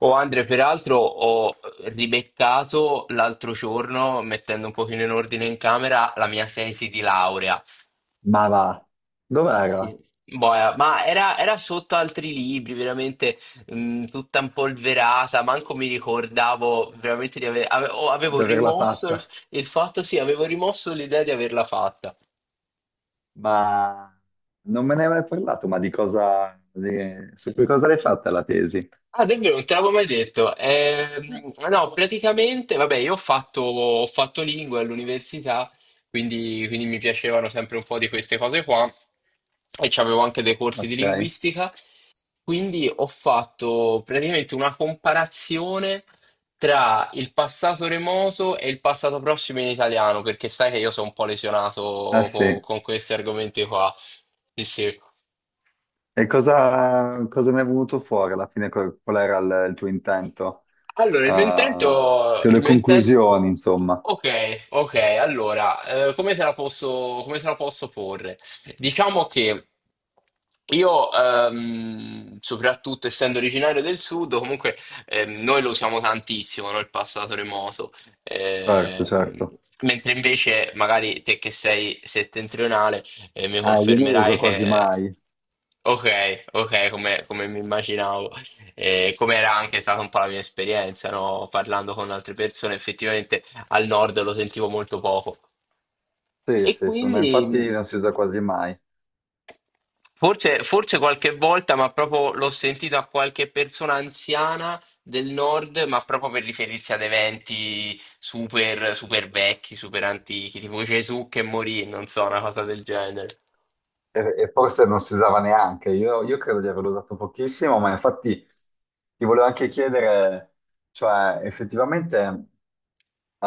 Oh Andre, peraltro ho ribeccato l'altro giorno, mettendo un pochino in ordine in camera, la mia tesi di laurea. Ma va, dov'era Sì. Boia, ma era sotto altri libri, veramente tutta impolverata, manco mi ricordavo veramente di avevo di averla rimosso il, fatta? il fatto, sì, avevo rimosso l'idea di averla fatta. Ma non me ne hai mai parlato, ma di cosa, su che cosa l'hai fatta la tesi? Ah, davvero, non te l'avevo mai detto. No, praticamente, vabbè, io ho fatto lingue all'università, quindi mi piacevano sempre un po' di queste cose qua e c'avevo anche dei corsi di Ok. linguistica, quindi ho fatto praticamente una comparazione tra il passato remoto e il passato prossimo in italiano, perché sai che io sono un po' Ah lesionato sì, e con questi argomenti qua. Sì, sì. cosa ne è venuto fuori alla fine? Qual era il tuo intento? Allora, Ah, cioè il le mio intento... conclusioni, insomma. Ok, ok, allora, come te la posso, come te la posso porre? Diciamo che io, soprattutto essendo originario del sud, comunque noi lo usiamo tantissimo, no? Il passato remoto. Certo, Ehm, certo. Mentre invece magari te che sei settentrionale mi Ah, io non lo uso confermerai quasi che... mai. Ok, ok, come come mi immaginavo. E come era anche stata un po' la mia esperienza, no? Parlando con altre persone, effettivamente al nord lo sentivo molto poco. Sì, E sì, sì, ma quindi infatti non si usa quasi mai. Forse qualche volta, ma proprio l'ho sentito a qualche persona anziana del nord, ma proprio per riferirsi ad eventi super vecchi, super antichi, tipo Gesù che morì, non so, una cosa del genere. E forse non si usava neanche, io credo di averlo usato pochissimo, ma infatti ti volevo anche chiedere, cioè effettivamente eh,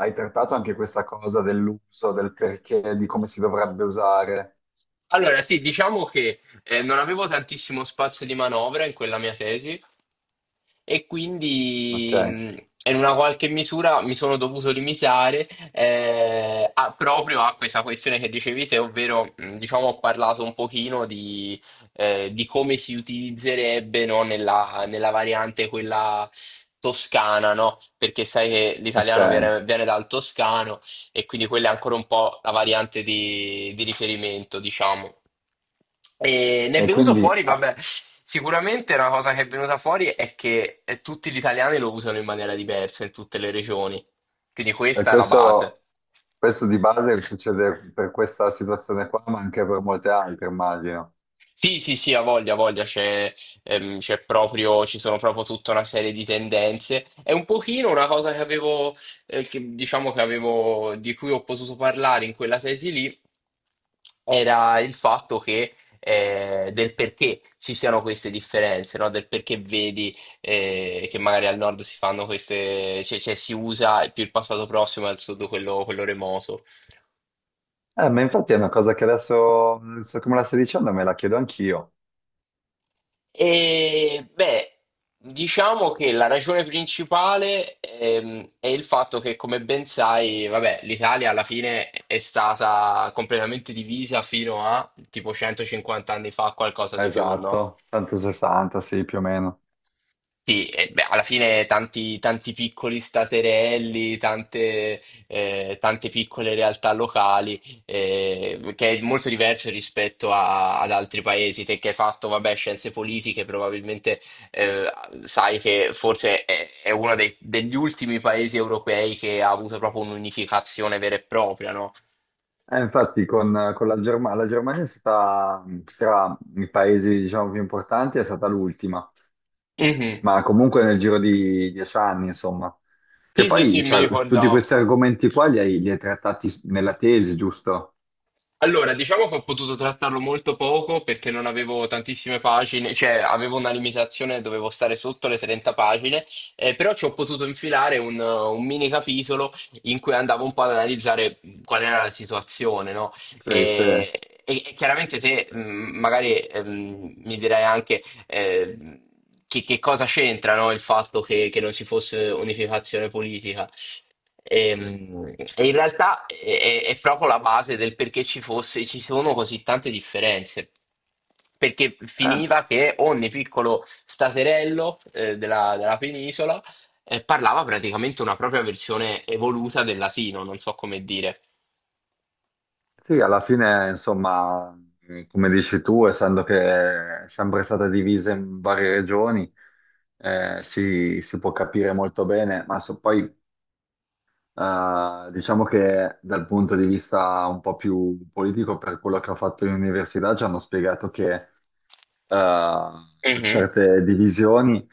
hai trattato anche questa cosa dell'uso, del perché, di come si dovrebbe usare. Allora, sì, diciamo che non avevo tantissimo spazio di manovra in quella mia tesi. E Ok, quindi in una qualche misura mi sono dovuto limitare proprio a questa questione che dicevi te, ovvero diciamo ho parlato un pochino di come si utilizzerebbe no, nella variante quella toscana, no? Perché sai che ok, l'italiano viene dal toscano e quindi quella è ancora un po' la variante di riferimento, diciamo. E ne è e venuto quindi fuori, ah, vabbè, sicuramente una cosa che è venuta fuori è che tutti gli italiani lo usano in maniera diversa in tutte le regioni. Quindi e questa è la base. questo, questo di base succede per questa situazione qua, ma anche per molte altre, immagino. Sì, sì, sì, ha voglia, c'è proprio, ci sono proprio tutta una serie di tendenze. È un pochino una cosa che diciamo che avevo, di cui ho potuto parlare in quella tesi lì, era il fatto che, del perché ci siano queste differenze, no? Del perché vedi, che magari al nord si fanno cioè si usa più il passato prossimo e al sud quello remoto. Ma infatti è una cosa che adesso come la stai dicendo, me la chiedo anch'io. E beh, diciamo che la ragione principale è il fatto che, come ben sai, vabbè, l'Italia alla fine è stata completamente divisa fino a tipo 150 anni fa, qualcosa di più, no? Esatto, 160, sì, più o meno. Sì, e beh, alla fine tanti piccoli staterelli, tante piccole realtà locali, che è molto diverso rispetto ad altri paesi. Te che hai fatto, vabbè, scienze politiche, probabilmente eh, sai che forse è degli ultimi paesi europei che ha avuto proprio un'unificazione vera e propria, no? E infatti con la Germania è stata tra i paesi, diciamo, più importanti, è stata l'ultima, Mhm. ma comunque nel giro di 10 anni, insomma. Che Sì, sì, sì, poi, mi cioè, tutti questi ricordavo. argomenti qua li hai trattati nella tesi, giusto? Allora, diciamo che ho potuto trattarlo molto poco perché non avevo tantissime pagine, cioè avevo una limitazione, dovevo stare sotto le 30 pagine, però ci ho potuto infilare un mini capitolo in cui andavo un po' ad analizzare qual era la situazione, no? Cioè, E, e chiaramente se magari mi direi anche che cosa c'entra, no, il fatto che non ci fosse unificazione politica. E, in realtà è proprio la base del perché ci sono così tante differenze. Perché eh, finiva che ogni piccolo staterello della penisola parlava praticamente una propria versione evoluta del latino, non so come dire. sì, alla fine, insomma, come dici tu, essendo che è sempre stata divisa in varie regioni, si può capire molto bene, ma poi. Diciamo che dal punto di vista un po' più politico, per quello che ho fatto in università, ci hanno spiegato che Mhm. certe divisioni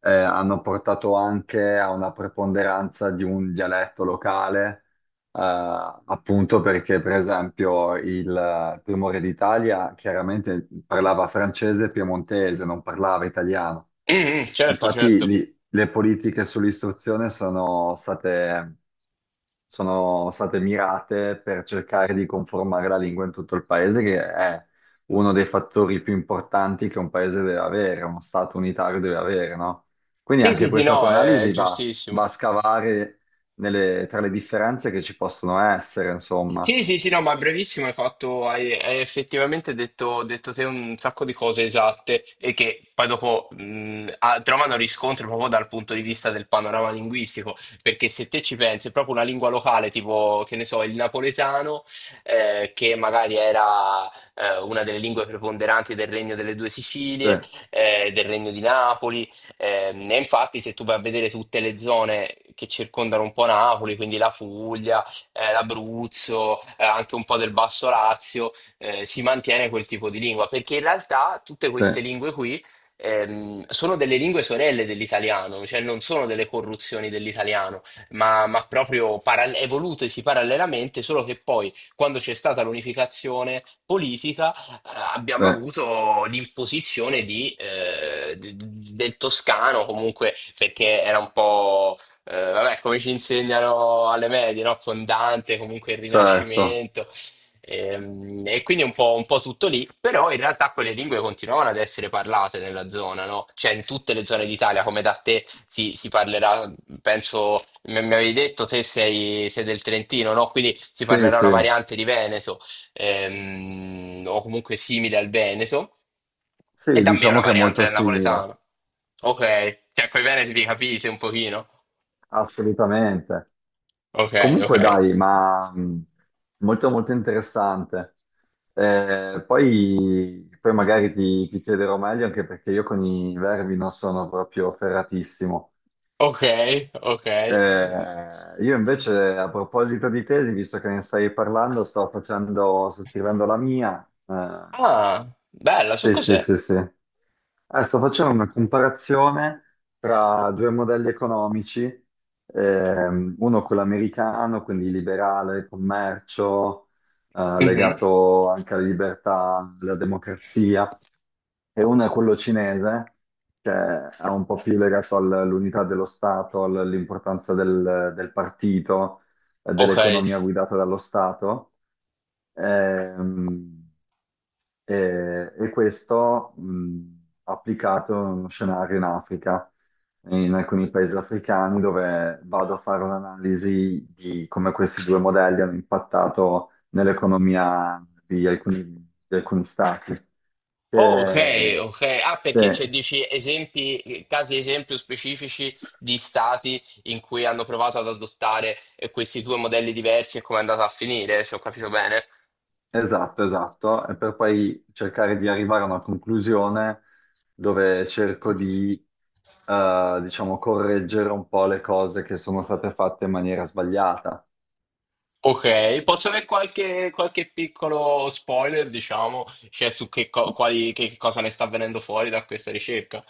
hanno portato anche a una preponderanza di un dialetto locale, eh, appunto perché, per esempio, il primo re d'Italia chiaramente parlava francese e piemontese, non parlava italiano. Mhm, certo, Infatti, certo. Le politiche sull'istruzione sono state mirate per cercare di conformare la lingua in tutto il paese, che è uno dei fattori più importanti che un paese deve avere, uno Stato unitario deve avere, no? Quindi Sì, sì, anche sì, questa tua no, è analisi va a giustissimo. scavare tra le differenze che ci possono essere, insomma. Sì, sì, sì, no, ma brevissimo, hai effettivamente detto te un sacco di cose esatte e che poi dopo trovano riscontro proprio dal punto di vista del panorama linguistico, perché se te ci pensi, è proprio una lingua locale, tipo, che ne so, il napoletano, che magari era una delle lingue preponderanti del Regno delle Due Sì, Sicilie, del Regno di Napoli, e infatti se tu vai a vedere tutte le zone che circondano un po' Napoli, quindi la Puglia, l'Abruzzo, anche un po' del Basso Lazio, si mantiene quel tipo di lingua, perché in realtà tutte sì, queste lingue qui sono delle lingue sorelle dell'italiano, cioè non sono delle corruzioni dell'italiano, ma proprio evolutesi parallelamente, solo che poi, quando c'è stata l'unificazione politica, sì, abbiamo avuto l'imposizione di, del toscano, comunque perché era un po'. Vabbè, come ci insegnano alle medie, no? Con Dante, comunque il certo. Rinascimento. Quindi un po' tutto lì, però in realtà quelle lingue continuavano ad essere parlate nella zona, no? Cioè in tutte le zone d'Italia, come da te si parlerà, penso, mi avevi detto, sei del Trentino, no? Quindi si Sì, parlerà sì. una variante di Veneto, o comunque simile al Veneto, e Sì, da me una diciamo che è variante molto del simile, napoletano. Ok, cioè coi veneti vi capite un pochino. assolutamente. Ok, Comunque ok, dai, ma molto molto interessante. Poi, magari ti chiederò meglio anche perché io con i verbi non sono proprio ferratissimo. ok, ok. Io invece a proposito di tesi, visto che ne stai parlando, sto scrivendo la mia. Ah, bella, su Sì, sì, cos'è? sì, sì. Sto facendo una comparazione tra due modelli economici, uno quello americano, quindi liberale, commercio, Mhm. legato anche alla libertà, alla democrazia, e uno è quello cinese, che è un po' più legato all'unità dello Stato, all'importanza del partito, Ok. dell'economia guidata dallo Stato. Ehm, e questo applicato in uno scenario in Africa, in alcuni paesi africani, dove vado a fare un'analisi di come questi due modelli hanno impattato nell'economia di alcuni stati. Oh, ok, Che- ok. Ah, sì, perché cioè, dici esempi, casi esempio specifici di stati in cui hanno provato ad adottare questi due modelli diversi e come è andata a finire, se ho capito bene. esatto, esatto, e per poi cercare di arrivare a una conclusione dove cerco di diciamo, correggere un po' le cose che sono state fatte in maniera sbagliata. Ok, posso avere qualche piccolo spoiler, diciamo, cioè su che, co- quali, che cosa ne sta avvenendo fuori da questa ricerca?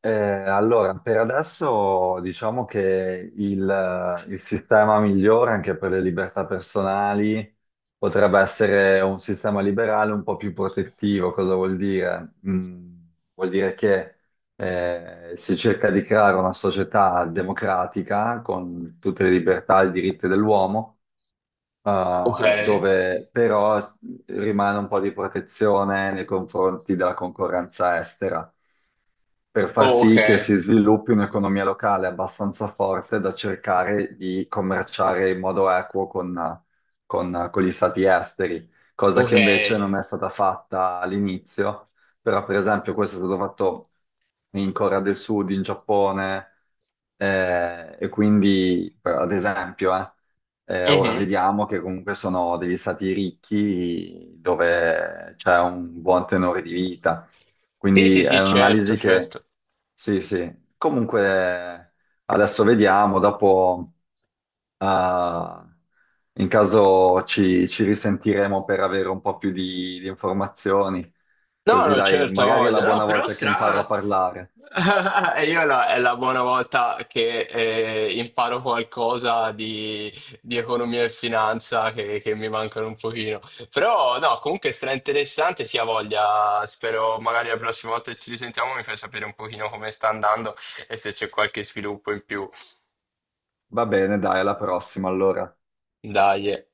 Allora, per adesso diciamo che il sistema migliore anche per le libertà personali potrebbe essere un sistema liberale un po' più protettivo. Cosa vuol dire? Vuol dire che si cerca di creare una società democratica con tutte le libertà e i diritti dell'uomo, Ok. Dove però rimane un po' di protezione nei confronti della concorrenza estera per far Oh, ok, sì che si sviluppi un'economia locale abbastanza forte da cercare di commerciare in modo equo con, con gli stati esteri, cosa che invece non ok. è stata fatta all'inizio, però per esempio questo è stato fatto in Corea del Sud, in Giappone, e quindi, ad esempio, ora Mhm. vediamo che comunque sono degli stati ricchi dove c'è un buon tenore di vita. Sì, sì, Quindi è sì, certo, un'analisi che, certo. sì, sì, comunque adesso vediamo, dopo eh, in caso ci risentiremo per avere un po' più di informazioni, No, così no, dai, certo, ha magari è la voglia, no, buona però volta che imparo stra... a parlare. E io è la buona volta che imparo qualcosa di economia e finanza che mi mancano un pochino. Però no, comunque stra interessante, sì, ha voglia. Spero magari la prossima volta che ci risentiamo mi fai sapere un pochino come sta andando e se c'è qualche sviluppo in più. Va bene, dai, alla prossima allora. Dai. Eh.